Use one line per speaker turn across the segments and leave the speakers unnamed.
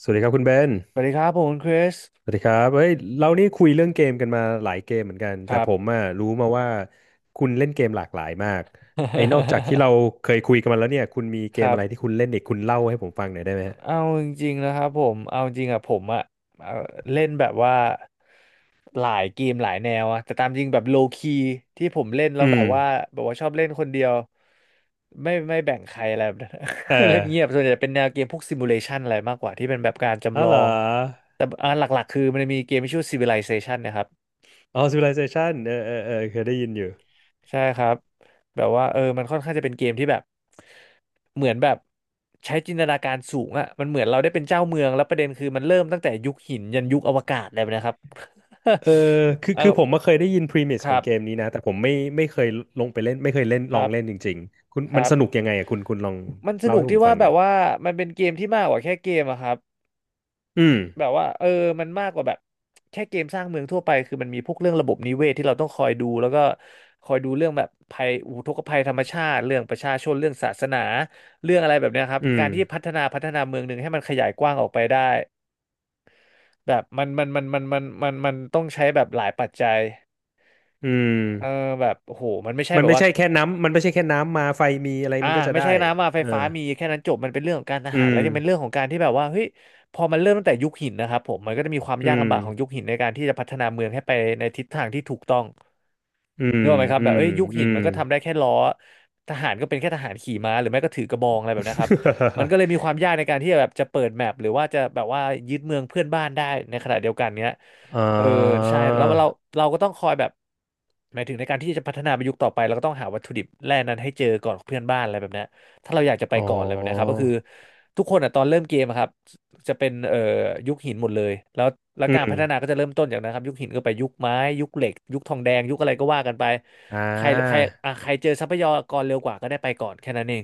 สวัสดีครับคุณเบน
สวัสดีครับผมคุณคริส
สวัสดีครับเฮ้ยเรานี่คุยเรื่องเกมกันมาหลายเกมเหมือนกัน
ค
แต่
รับ
ผมอ่ะรู้มาว่าคุณเล่นเกมหลากหลายมากไอ้นอกจากที่ เราเคยคุยกันมาแล้วเนี่ยคุณมีเก
ค
ม
รับ
อะไรที่คุณเล่นอีกคุณเล่าให้ผมฟังหน่อยได้ไหมฮะ
เอาจริงๆนะครับผมเอาจริงอะผมอะเอ่อเล่นแบบว่าหลายเกมหลายแนวอะแต่ตามจริงแบบโลคีที่ผมเล่นแล้
อื
วแบ
ม
บว่าชอบเล่นคนเดียวไม่แบ่งใครอะไรแบบ นั้
เอ
น เล่นเงียบ
อ
ส่วนใหญ่เป็นแนวเกมพวกซิมูเลชันอะไรมากกว่าที่เป็นแบบการ
อ๋อ
จำลอ
เหรอ
งแต่หลักๆคือมันจะมีเกมที่ชื่อ Civilization นะครับ
อ๋อ Civilization เออเออเออเคยได้ยินอยู่
ใช่ครับแบบว่าเออมันค่อนข้างจะเป็นเกมที่แบบเหมือนแบบใช้จินตนาการสูงอะมันเหมือนเราได้เป็นเจ้าเมืองแล้วประเด็นคือมันเริ่มตั้งแต่ยุคหินยันยุคอวกาศเลยนะครับ
เออคือ คือ
เออ
ผมมาเคยได้ยิน premise
ค
ขอ
รั
ง
บ
เกมนี้นะแต่ผมไม่เคยลงไปเล่น ไม่เคยเล่น
ค
ลอ
รั
งเล่น
บ
จริงๆคุณ
ค
มัน
รับ
สนุกยังไงอ่ะคุณลอง
มันส
เล่า
นุก
ให้ผ
ที่
มฟั
ว่า
ง
แบ
หน่อ
บ
ย
ว่ามันเป็นเกมที่มากกว่าแค่เกมอะครับ
อืม
แบบว่าเออมันมากกว่าแบบแค่เกมสร้างเมืองทั่วไปคือมันมีพวกเรื่องระบบนิเวศที่เราต้องคอยดูแล้วก็คอยดูเรื่องแบบภัยอุทกภัยธรรมชาติเรื่องประชาชนเรื่องศาสนาเรื่องอะไรแบบเนี้ยครับ
อืม
การที่พัฒนาเมืองหนึ่งให้มันขยายกว้างออกไปได้แบบมันต้องใช้แบบหลายปัจจัย
อืม
เออแบบโอ้โหมันไม่ใช่
มั
แบ
น
บ
ไม่
ว่า
ใช่แค่น้ำ มันไม่ใช่แค่น้ำมาไฟมีอะไร
อ่า
มันก็จะ
ไม่
ได้
ใช่น้ำมาไฟ
เออ
ฟ้ามีแค่นั้นจบมันเป็นเรื่องของการท
อื
หารแล้
ม
วยังเป็นเรื่องของการที่แบบว่าเฮ้ยพอมันเริ่มตั้งแต่ยุคหินนะครับผมมันก็จะมีความ
อื
ยาก
ม
ลำบากของยุคหินในการที่จะพัฒนาเมืองให้ไปในทิศทางที่ถูกต้อง
อื
นึก
ม
ออกไหมครับ
อื
แบบ
ม
เอ้ยยุค
อื
หิน
ม
มันก็ทำได้แค่ล้อทหารก็เป็นแค่ทหารขี่ม้าหรือไม่ก็ถือกระบองอะไรแบบนะครับมัน ก็เลยมีความยากในการที่จะแบบจะเปิดแมปหรือว่าจะแบบว่ายึดเมืองเพื่อนบ้านได้ในขณะเดียวกันเนี้ย
อ่
เออ
า
ใช่แล้วเราก็ต้องคอยแบบหมายถึงในการที่จะพัฒนาไปยุคต่อไปเราก็ต้องหาวัตถุดิบแร่นั้นให้เจอก่อนเพื่อนบ้านอะไรแบบเนี้ย ถ้าเราอยากจะไป
อ๋อ
ก่อนอะไรแบบเนี้ยครับก็คือทุกคนอ่ะตอนเริ่มเกมอะครับจะเป็นยุคหินหมดเลยแล้วแล้ว
อื
การ
ม
พัฒนาก็จะเริ่มต้นจากนั้นครับยุคหินก็ไปยุคไม้ยุคเหล็กยุคทองแดงยุคอะไรก็ว่ากันไป
อ่
ใครใคร
า
อ่ะใครเจอทรัพยากรเร็วกว่าก็ได้ไปก่อนแค่นั้นเอง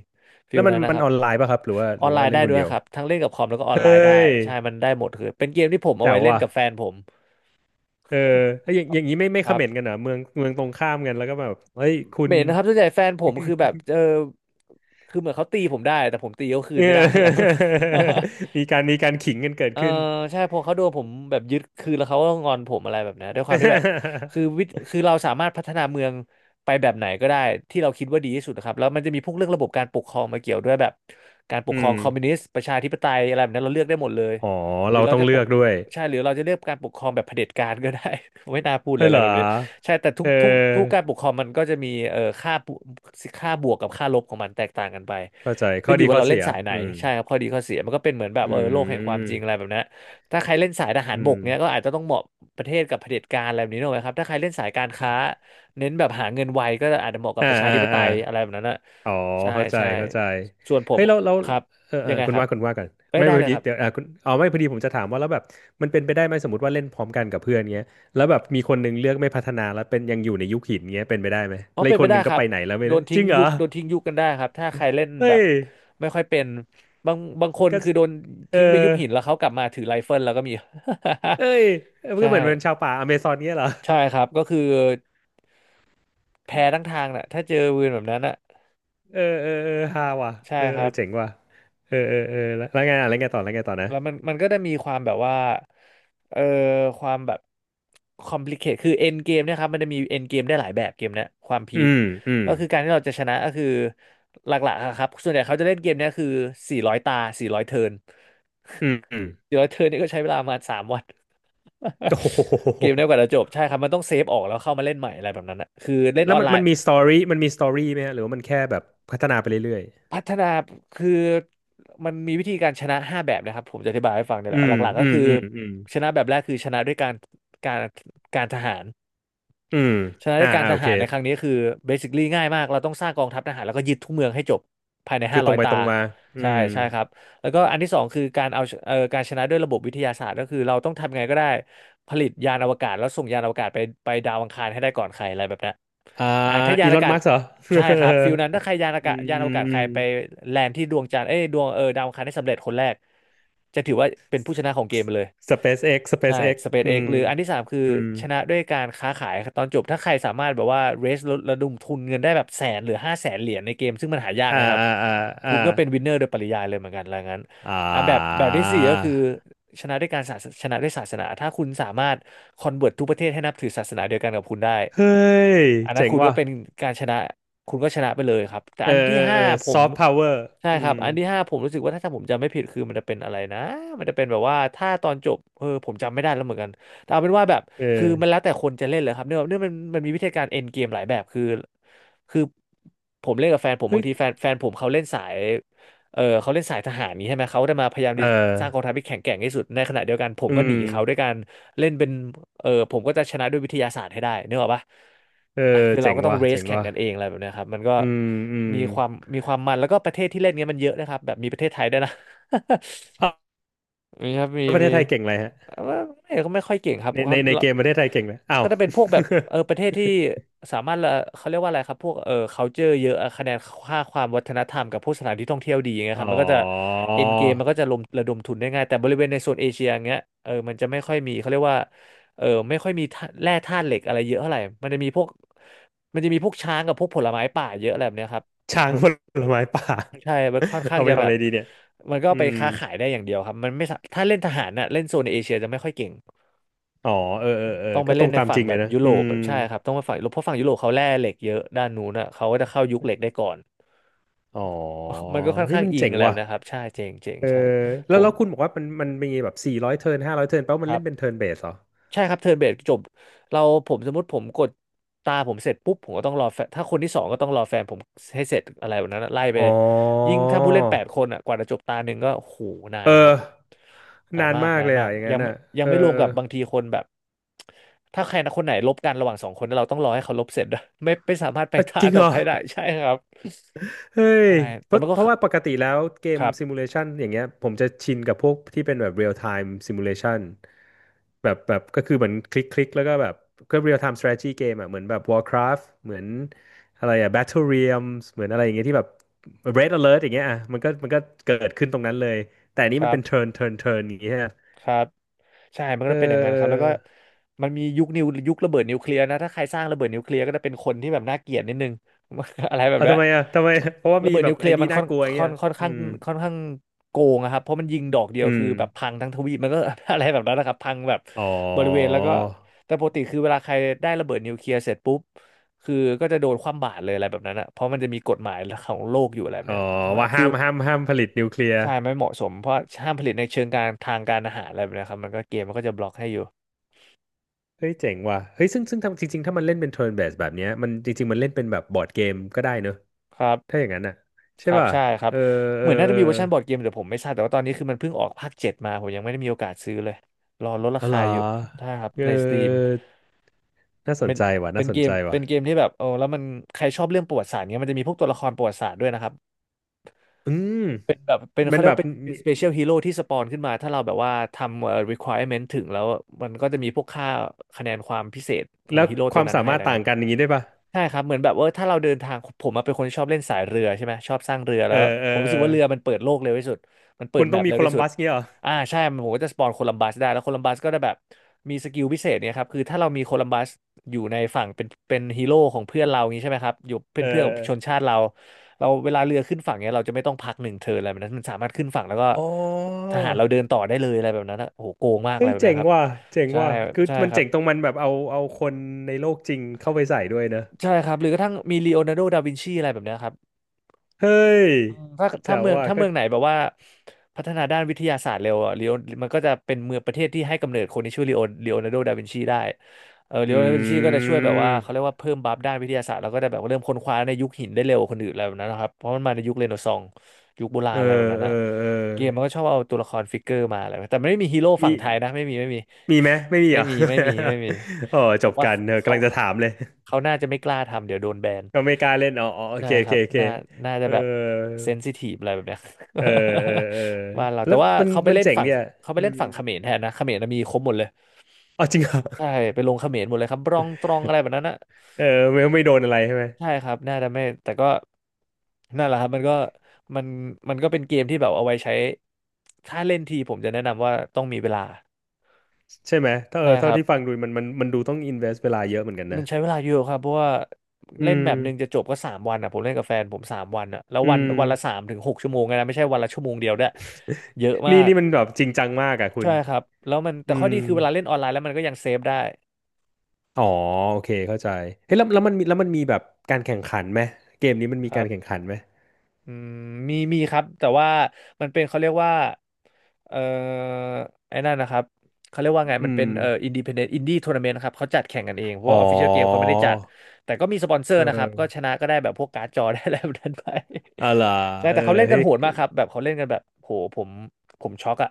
ฟิ
แล้
ล
วมัน
นั้นนะ
มั
ค
น
รับ
ออนไลน์ป่ะครับหรือว่า
อ
ห
อ
รื
น
อ
ไล
ว่า
น์
เล่
ได้
นคน
ด้วย
เดียว
ครับทั้งเล่นกับคอมแล้วก็ออ
เฮ
นไลน์ได้
้ย
ใช่มันได้หมดคือเป็นเกมที่ผมเอา
แจ๋
ไว้
ว
เล่น
ว่ะ
กับแฟนผม
เออแล้วอย่างอย่างนี้ไม่ไม่
ค
คอ
รั
มเมนต์กัน
บ
เหรอเมืองตรงข้ามกันแล้วก็แบบเฮ้ยคุ
เห
ณ
ม็ นนะครับส่วนใหญ่แฟนผมคือแบบเออคือเหมือนเขาตีผมได้แต่ผมตีเขาคื
เอ
น
อ
ไม่ได้อะไร
มีการขิงกันเกิด
เออ
ขึ้น
ใช่พอเขาโดนผมแบบยึดคือแล้วเขาก็งอนผมอะไรแบบเนี้ยด้วยความที่แบบคือเราสามารถพัฒนาเมืองไปแบบไหนก็ได้ที่เราคิดว่าดีที่สุดนะครับแล้วมันจะมีพวกเรื่องระบบการปกครองมาเกี่ยวด้วยแบบการปก
อื
ครอง
ม
คอมมิวนิสต์ประชาธิปไตยอะไรแบบนั้นเราเลือกได้หมดเลย
อ๋อ
หรือ
เรา
เรา
ต้อง
จะ
เลื
ป
อ
ก
กด้วย
ใช่หรือเราจะเลือกการปกครองแบบเผด็จการก็ได้ ไม่น่าพูดเลย
เฮ้ย
อะ
เห
ไร
รอ
แบบนี้ใช่แต่ทุ
เ
กทุกทุก
ออ
การปกครองมันก็จะมีค่าบวกกับค่าลบของมันแตกต่างกันไป
เข้าใจข้
ขึ้
อ
นอ
ดี
ยู่ว่า
ข้อ
เราเล่
เสี
น
ย
สายไหน
อืม
ใช่ครับข้อดีข้อเสียมันก็เป็นเหมือนแบบ
อื
เออโลกแห่งความจริงอะไร
ม
แบบนั้นถ้าใครเล่นสายทหา
อื
รบ
ม
กเนี้ยก็อาจจะต้องเหมาะประเทศกับเผด็จการอะไรแบบนี้หน่อยครับถ้าใครเล่นสายการค้าเน้นแบบหาเงินไวก็อาจจะเหมาะกับ
อ่า
ประชา
อ่า
ธิปไต
อ่า
ยอะไรแบบนั้นนะ
อ๋อ
ใช่
เข้าใจ
ใช่
เข้าใจ
ส่วนผม
เฮ้ยเรา
ครับ
เออเอ
ยั
อ
งไง
คุณ
ครับ
ว่าคุณว่ากัน
เอ้ย
ไม่
ได้
พอ
เลย
ดี
ครั
เดี๋ยวอ่า
บ
คุณอ๋อไม่พอดีผมจะถามว่าแล้วแบบมันเป็นไปได้ไหมสมมติว่าเล่นพร้อมกันกับเพื่อนเงี้ยแล้วแบบมีคนหนึงเลือกไม่พัฒนาแล้วเป็นยังอยู่ในยุคหินเงี้ยเป็นไปได้ไหม
อ๋อ
แล้ว
เป็
อีก
นไป
คนห
ได้
นึง
ค
ก็
รั
ไป
บ
ไหนแล้วไม่
โด
รู้
น
จ
ทิ้ง
ริงเหรอ
ยุคโดนทิ้งยุคกันได้ครับถ้าใครเล่นแบ
เฮ้
บ
ย
ไม่ค่อยเป็นบางคน
ก็
คือโดน
เอ
ทิ้งไปยุ
อ
คหินแล้วเขากลับมาถือไรเฟิลแล้วก็มี
เอ้ย มัน
ใช่
ก็เหมือนเป็นชาวป่าอเมซอนเงี้ยเหรอ
ใช่ครับก็คือแพ้ทั้งทางน่ะถ้าเจอวืนแบบนั้นน่ะ
เออเออเออฮาว่ะ
ใช่
เออ
ค
เอ
รั
อ
บ
เจ๋งว่ะเออเออเออแล้วแล้วไงอ่ะแล้วไงต่อแล้วไงต่อนะ
แล้วมันก็ได้มีความแบบว่าเอ่อความแบบคอมพลีเคทคือเอ็นเกมเนี่ยครับมันจะมีเอ็นเกมได้หลายแบบเกมเนี้ยความพีค
อืมอืม
ก็คือการที่เราจะชนะก็คือหลักๆอะครับส่วนใหญ่เขาจะเล่นเกมเนี้ยคือ400 ตาสี่ร้อยเทิร์น
อืมอืม
สี่ร้อยเทิร์นนี่ก็ใช้เวลาประมาณ3 วัน
โอ้โ
เกมเนี้ย
ห
กว่าจะจบใช่ครับมันต้องเซฟออกแล้วเข้ามาเล่นใหม่อะไรแบบนั้นนะคือเล่น
แล้
อ
ว
อน
มัน
ไล
มั
น์
นมีสตอรี่มันมีสตอรี่ไหมฮะหรือว่ามันแค่แบบพัฒนาไปเรื่อย
พัฒนาคือมันมีวิธีการชนะ5 แบบนะครับผมจะอธิบายให้ฟังเนี่ย
ๆ
แห
อื
ละห
ม
ลักๆ
อื
ก็
ม
คือ
อืมอืม
ชนะแบบแรกคือชนะด้วยการการทหาร
อืม
ชนะด้
อ่า
วยการ
อ่า
ท
โอ
หา
เค
รในครั้งนี้คือเบสิค l ีง่ายมากเราต้องสร้างกองทัพทหารแล้วก็ยึดทุกเมืองให้จบภายใน
คื
ห้า
อต
ร้
ร
อย
งไป
ตา
ตรงมาอื
ใช่
ม
ใช่ครับแล้วก็อันที่สองคือการเอาการชนะด้วยระบบวิทยาศาสตร์ก็คือเราต้องทำยังไงก็ได้ผลิตยานอวกาศแล้วส่งยานอวกาศไปดาวอังคารให้ได้ก่อนใครอะไรแบบนี้น
อ่า
อ่าถ้ายาน
อี
อ
ล
ว
อน
กาศ
มัสเหรอ
ใช่ครับฟิลนั้นถ้าใครยานอา
อื
กาศ
ม
ยาน
อื
อว
ม
กาศ
อื
ใคร
ม
ไปแลนด์ที่ดวงจันทร์เอ้ยดวงเออดาวอังคารได้สำเร็จคนแรกจะถือว่าเป็นผู้ชนะของเกมไปเลย
SpaceX
ใช่
SpaceX อื
SpaceX
ม
หรืออันที่สามคือ
อืม
ชนะด้วยการค้าขายตอนจบถ้าใครสามารถแบบว่า raise ระดมทุนเงินได้แบบแสนหรือ500,000 เหรียญในเกมซึ่งมันหายาก
อ่า
นะครับ
อ่าอ่า
คุ
อ่า
ณก็เป็นวินเนอร์โดยปริยายเลยเหมือนกันแล้วงั้น
อ่
อ่ะแบบที่สี่ก็คือ
า
ชนะด้วยศาสนาถ้าคุณสามารถคอนเวิร์ตทุกประเทศให้นับถือศาสนาเดียวกันกับคุณได้
เฮ้ย
อันนั้น
เจ๋ง
คุณก็
ว่ะ
เป็นการชนะคุณก็ชนะไปเลยครับแต่
เออ
อันที่
เออ
ห้า
เออ
ผ
ซ
ม
อฟต์พาวเวอร์
ใช่
อื
ครับ
ม
อันที่ห้าผมรู้สึกว่าถ้าผมจำไม่ผิดคือมันจะเป็นอะไรนะมันจะเป็นแบบว่าถ้าตอนจบเออผมจำไม่ได้แล้วเหมือนกันแต่เอาเป็นว่าแบบ
เออ
คือมันแล้วแต่คนจะเล่นเลยครับเนื่องมันมีวิธีการเอ็นเกมหลายแบบคือผมเล่นกับแฟนผม
เฮ้
บา
ย
งทีแฟนผมเขาเล่นสายเออเขาเล่นสายทหารนี้ใช่ไหมเขาได้มาพยายาม
เออ
สร้างกองทัพที่แข็งแกร่งที่สุดในขณะเดียวกันผม
อื
ก็หนี
ม
เขาด้วยกัน เล่นเป็น เออ ผมก็จะชนะด้วยวิทยาศาสตร์ให้ได้นึกออกปะ
เออ
อ่ะคือเรา
เจ๋ง
ก็ต้อง
ว่ะ
เร
เจ๋
ส
ง
แข่ง
ว่ะ
กันเองอะไรแบบเนี้ยครับมันก็
อืมอืม
มีความมันแล้วก็ประเทศที่เล่นเงี้ยมันเยอะนะครับ แบบมีประเทศไทยด้วยนะ
อ้าว
มีครับ มี
แล้วประเทศ
มี
ไทยเก่งอะไรฮะ
ว่าไม่ก็ไม่ค่อยเก่งครับ
ในใน
เขา
ในเกมประเทศไทยเก่งเลยอ้า
ก็
ว
จะเป็นพวกแบบเออประเทศที่สามารถละเขาเรียกว่าอะไรครับพวกเออ culture เยอะอะคะแนนค่าความวัฒนธรรมกับพวกสถานที่ท่องเที่ยวดีอย่างเงี้ ย
อ๋
ค
อ
รับมันก็จะ end game มันก็จะลมระดมทุนได้ง่ายแต่บริเวณในโซนเอเชียอย่างเงี้ยเออมันจะไม่ค่อยมีเขาเรียกว่าเออไม่ค่อยมีธาตุแร่ธาตุเหล็กอะไรเยอะเท่าไหร่มันจะมีพวกช้างกับพวกผลไม้ป่าเยอะอะไรแบบเนี้ยครับ
ช้างผลไม้ป่า
ใช่มันค่อน ข้าง
เอาไป
จะ
ทำ
แบ
อะ
บ
ไรดีเนี่ย
มันก็
อื
ไป
ม
ค้าขายได้อย่างเดียวครับมันไม่สาถ้าเล่นทหารน่ะเล่นโซนเอเชียจะไม่ค่อยเก่ง
อ๋อเออเออเออ
ต้องไป
ก็ต
เล่
ร
น
ง
ใน
ตาม
ฝั่
จ
ง
ริง
แบ
เลย
บ
นะ
ยุโร
อื
ป
ม
ใช่ครับต้องไปฝั่งยุโรปเพราะฝั่งยุโรปเขาแร่เหล็กเยอะด้านนู้นอ่ะเขาก็จะเข้ายุคเหล็กได้ก่อน
อ๋อ
มันก็ค่อน
เฮ้ย
ข้าง
มัน
อิง
เจ๋ง
อะไร
ว่ะ
นะครับใช่เจ๋งเจ๋ง
เออ
ใช่ผ
แล้ว
ม
แล้วคุณบอกว่ามันมันมีแบบสี่ร้อยเทิร์นห้าร้อยเทิร์นแปลว่า
ค
มัน
รั
เล่
บ
นเป็นเทิร์นเบสเหรอ
ใช่ครับเทิร์นเบสจบเราผมสมมติผมกดตาผมเสร็จปุ๊บผมก็ต้องรอแฟนถ้าคนที่สองก็ต้องรอแฟนผมให้เสร็จอะไรแบบนั้นอะไล่ไป
อ๋อ
เลยยิ่งถ้าผู้เล่น8 คนอ่ะกว่าจะจบตาหนึ่งก็โูหนาน
เอ
นะครั
อ
บนาน
นาน
มาก
มาก
นาน
เลย
มาก
อ่ะอย่างนั้นอ่ะ
ยัง
เอ
ไม่รวม
อ
กับบางทีคนแบบถ้าใครนะคนไหนลบกันระหว่าง2 คนแล้วเราต้องรอให้เขาลบเสร็จด้วย ไม่สามารถไป
เออ
ตา
จริง
ต่
เห
อ
รอ
ไปได้ใช่ครับ
เฮ้
ใช่
ยเพ
แต่
ราะ
มันก็
เพ
ค
ราะ
รับ
ว่าปกติแล้วเก
ค
ม
ร
ซิมูเลชันอย่างเงี้ยผมจะชินกับพวกที่เป็นแบบเรียลไทม์ซิมูเลชันแบบแบบก็คือเหมือนคลิกคลิกแล้วก็แบบก็เรียลไทม์สตร a ทจีจีเกมอ่ะเหมือนแบบ Warcraft เหมือนอะไรอ่ะ Battle Realms เหมือนอะไรอย่างเงี้ยที่แบบ Red Alert อย่างเงี้ยอ่ะมันก็มันก็เกิดขึ้นตรงนั้นเลยแต่อันนี้มัน
ับ
เป็น turn turn turn อย่างเงี้ย
ครับใช่มันก็
เออ
จะเป็นอย่างนั้
เอ
น
อ
ครับแล้วก็มันมียุคระเบิดนิวเคลียร์นะถ้าใครสร้างระเบิดนิวเคลียร์ก็จะเป็นคนที่แบบน่าเกลียดนิดนึง อะไรแบบ
เอา
นั้น
ทำไมอ่ะทำไมเพราะว่า
ระ
มี
เบิด
แบ
นิ
บ
วเคลี
ไอ้
ยร์
นี่
มัน
น่ากลัวอย่าง
ค่
เงี้
อน
ย
ค่อน
อื
ข้าง
ม
ค่อนข้างโกงอะครับเพราะมันยิงดอกเดียว
อื
คื
ม
อแบบพังทั้งทวีปมันก็ อะไรแบบนั้นนะครับพังแบบ
อ๋อ
บริเวณแล้วก็แต่ปกติคือเวลาใครได้ระเบิดนิวเคลียร์เสร็จปุ๊บ คือก็จะโดนคว่ำบาตรเลยอะไรแบบนั้นอะเพราะมันจะมีกฎหมายของโลกอยู่อะไรแบบ
อ๋อ
เนี้ยแบบ
ว่า
ฟิ
ห้า
ล
มห้ามห้ามผลิตนิวเคลียร์
ใช่ไม่เหมาะสม เพราะห้ามผลิตในเชิงการทางการอาหารอะไรแบบเนี้ยครับมันก็เกมมันก็จะบล็อกให้อยู่
เฮ้ยเจ๋งว่ะเฮ้ยซึ่งซึ่งทำจริงๆถ้ามันเล่นเป็นเทิร์นเบสแบบเนี้ยมันจริงๆมันเล่นเป็นแบบบอร์ดเกมก็ได้เนอะ
ครับ
ถ้าอย่างนั้นอ่ะ
ค
ใช่
รับ
ป่ะ
ใช่ครับ
เออเอ
เห
อ
มือนน่า
เอ
จะ
อ
มีเวอร์ชันบอร์ดเกมแต่ผมไม่ทราบแต่ว่าตอนนี้คือมันเพิ่งออกภาคเจ็ดมาผมยังไม่ได้มีโอกาสซื้อเลย รอลดรา
เอาเหร
คา
อ
อยู่ใช่ครับ
เอ
ในสตรีม
อน่าส
เป็
น
น
ใจว่ะ
เป็
น่า
น
ส
เก
น
ม
ใจว่ะ
เป็นเกมที่แบบเออแล้วมันใครชอบเรื่องประวัติศาสตร์เนี้ยมันจะมีพวกตัวละครประวัติศาสตร์ด้วยนะครับ
อืม
เป็นแบบเป็น
มั
เขา
น
เรีย
แบ
ก
บ
ว่าเป็น
มี
special hero ที่สปอนขึ้นมาถ้าเราแบบว่าทำrequirement ถึงแล้วมันก็จะมีพวกค่าคะแนนความพิเศษของ
แล้ว
ฮีโร่
ค
ตัว
วาม
นั้น
สา
ให้
มา
อะ
ร
ไร
ถต่า
เงี้
ง
ย
กันอย่างนี้ได้ป่ะ
ใช่ครับเหมือนแบบว่าถ้าเราเดินทางผมมาเป็นคนชอบเล่นสายเรือใช่ไหมชอบสร้างเรือ
เอ
แล้
อ
ว
เออ
ผมรู้
เออ
สึกว่าเรือมันเปิดโลกเร็วที่สุดมันเปิ
คุ
ด
ณ
แม
ต้อง
ป
มี
เร็ว
โค
ที่
ลัม
สุด
บัสเงี้ยเหรอ
ใช่มันผมก็จะสปอนโคลัมบัสได้แล้วโคลัมบัสก็ได้แบบมีสกิลพิเศษเนี่ยครับคือถ้าเรามีโคลัมบัสอยู่ในฝั่งเป็นฮีโร่ของเพื่อนเราอย่างนี้ใช่ไหมครับอยู่เป็
เอ
นเพื่อนกับ
อ
ชนชาติเราเราเวลาเรือขึ้นฝั่งเนี่ยเราจะไม่ต้องพักหนึ่งเทิร์นอะไรแบบนั้นมันสามารถขึ้นฝั่งแล้วก็
อ๋อ
ทหารเราเดินต่อได้เลยอะไรแบบนั้นนะโอ้โหโกงมากอะ
เฮ้
ไร
ย
แบบ
เจ๋
นี้
ง
ครับ
ว่ะเจ๋ง
ใช่
ว่ะคือ
ใช่
มัน
ครั
เจ๋
บ
งตรงมันแบบเอาเอาคนในโลกจริงเข้าไปใส่ด้วยเนอะ
ใช่ครับหรือกระทั่งมีลีโอนาร์โดดาวินชีอะไรแบบเนี้ยครับ
เฮ้ย
ถ้า
แจ๋
ถ้า
ว
เมือง
ว่ะ
ถ้า
ก็
เมืองไหนแบบว่าพัฒนาด้านวิทยาศาสตร์เร็วอะลีโอมันก็จะเป็นเมืองประเทศที่ให้กำเนิดคนที่ชื่อลีโอนาร์โดดาวินชีได้เออลี
อ
โอนาร์โดดาวินชีก็
ื
จะช่วยแบบว่า
ม
เขาเรียกว่าเพิ่มบัฟด้านวิทยาศาสตร์แล้วก็จะแบบเริ่มค้นคว้าในยุคหินได้เร็วกว่าคนอื่นอะไรแบบนั้นนะครับเพราะมันมาในยุคเรเนซองส์ยุคโบรา
เอ
ณ
อ
อะไรแบบนั้น
เออ
นะ
เออ
เกมมันก็ชอบเอาตัวละครฟิกเกอร์มาอะไรแต่ไม่มีฮีโร่ฝั่
มี
งไทยนะ ไม่มี
มีไหมไม่ มี
ไม่
เหรอ
มีไม่มีไม่มี
อ๋อ
ผ
จ
ม
บ
ว่า
กันเออ
เขา
กำลังจะ
เขา
ถามเลย
เขาน่าจะไม่กล้าทำเดี๋ยวโดนแบน
ก็ไม่กล้าเล่นอ๋ออ๋อโอ
ใช่
เคโอ
ครั
เค
บ
โอเค
น่าจะ
เออ
แบบเซนซิทีฟอะไรแบบเนี้ย
เออ เออเออ
บ้านเรา
แล้
แต่
ว
ว่า
มัน
เขาไป
มัน
เล่น
เจ๋ง
ฝั่ง
เนี่ย
เขาไป
อื
เล่น
ม
ฝั่งเขมรแทนนะเขมรน่ะมีครบหมดเลย
อ๋อจริงเหรอ
ใช่ไปลงเขมรหมดเลยครับบรองตรองอะไรแบบนั้นนะ
เออไม่ไม่โดนอะไรใช่ไหม
ใช่ครับน่าจะไม่แต่ก็นั่นแหละครับมันก็มันก็เป็นเกมที่แบบเอาไว้ใช้ถ้าเล่นทีผมจะแนะนำว่าต้องมีเวลา
ใช่ไหมถ้าเอ
ใช่
อ
ค
เท่า
รับ
ที่ฟังดูมันมันมันดูต้องอินเวสเวลาเยอะเหมือนกัน
มั
นะ
นใช้เวลาเยอะครับเพราะว่า
อื
เล่นแม
ม
ปหนึ่งจะจบก็สามวันอ่ะผมเล่นกับแฟนผมสามวันอ่ะแล้ว
อื
วัน
ม
วันละสามถึงหกชั่วโมงไงนะไม่ใช่วันละชั่วโมงเดียวด้วยเยอะมา
นี่
ก
นี่มันแบบจริงจังมากอ่ะคุณ
ใช่ครับแล้วมันแต่
อื
ข้อ
ม
ดีคือเวลาเล่นออนไลน์แล้วมันก็ยังเซฟได้
อ๋อโอเคเข้าใจเฮ้ยแล้วแล้วมันมีแล้วมันมีแบบการแข่งขันไหมเกมนี้มันมี
ครั
การ
บ
แข่งขันไหม
อืมมีครับแต่ว่ามันเป็นเขาเรียกว่าเอ่อไอ้นั่นนะครับเขาเรียกว่าไง
อื
มันเป็
ม
นอินดิเพนเดนต์อินดี้ทัวร์นาเมนต์ครับเขาจัดแข่งกันเองเพราะ
อ๋อ
ว่าออฟฟิเชียลเกมเขาไม่ได้จัดแต่ก็มีสปอนเซอ
เ
ร์นะครับก็
ออ
ชนะก็ได้แบบพวกการ์ดจอ ได้อะไรแบบนั้นไป
อะล่ะ
ใช่
เออ
แต่เขาเล่นกั
เฮ้
น
ย
โหดมากครับแบบเขาเล่นกันแบบโหผมช็อกอะ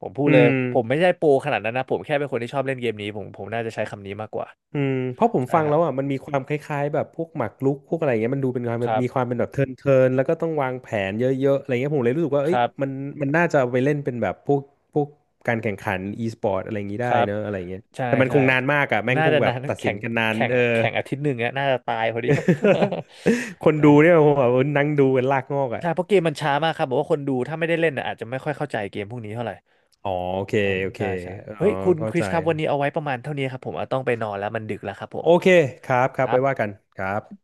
ผมพูด
อื
เลย
ม
ผมไม่ใช่โปรขนาดนั้นนะผมแค่เป็นคนที่ชอบเล่นเกมนี้ผมน่าจะใช้คำนี้มากกว่า
อืมเพราะผม
ใช่
ฟัง
ครั
แล้วอ่ะ
บ
มันมีความคล้ายๆแบบพวกหมากรุกพวกอะไรเงี้ยมันดูเป็นความ
ครั
มีความ
บ
เป็นแบบเทิร์นเทินแล้วก็ต้องวางแผนเยอะๆอะไรเงี้ยผมเลยรู้สึกว่า
ค
เอ้ย
รั
มัน
บ
มันน่าจะเอาไปเล่นเป็นแบบพวกพวกการแข่งขันอีสปอร์ตอะไรอย่างงี้
ค
ได้
รับ
เนอะอะไรเงี้ย
ใช่
แต่มัน
ใช่
คงนานมากอ่ะแม่ง
น่า
คง
จะ
แบ
นา
บ
น
ตัดสิ
แข่
น
ง
กันนาน
แข่ง
เออ
แข่งอาทิตย์หนึ่งอะน่าจะตายพอดีครับ
คน
ใช่
ดู
ครั
เนี่ย
บ
ผมแบบนั่งดูเป็นลากงอกอ่ะ
ใช่เพราะเกมมันช้ามากครับบอกว่าคนดูถ้าไม่ได้เล่นน่ะอาจจะไม่ค่อยเข้าใจเกมพวกนี้เท่าไหร่
อ๋อโอเค
อืม
โอเค
ใช่ใช่เฮ้
อ๋อ
ยคุณ
เข้า
คริ
ใจ
สครับวันนี้เอาไว้ประมาณเท่านี้ครับผมเอาต้องไปนอนแล้วมันดึกแล้วครับผม
โอเคครับครั
ค
บ
รั
ไว้ว่ากั
บ
นครับ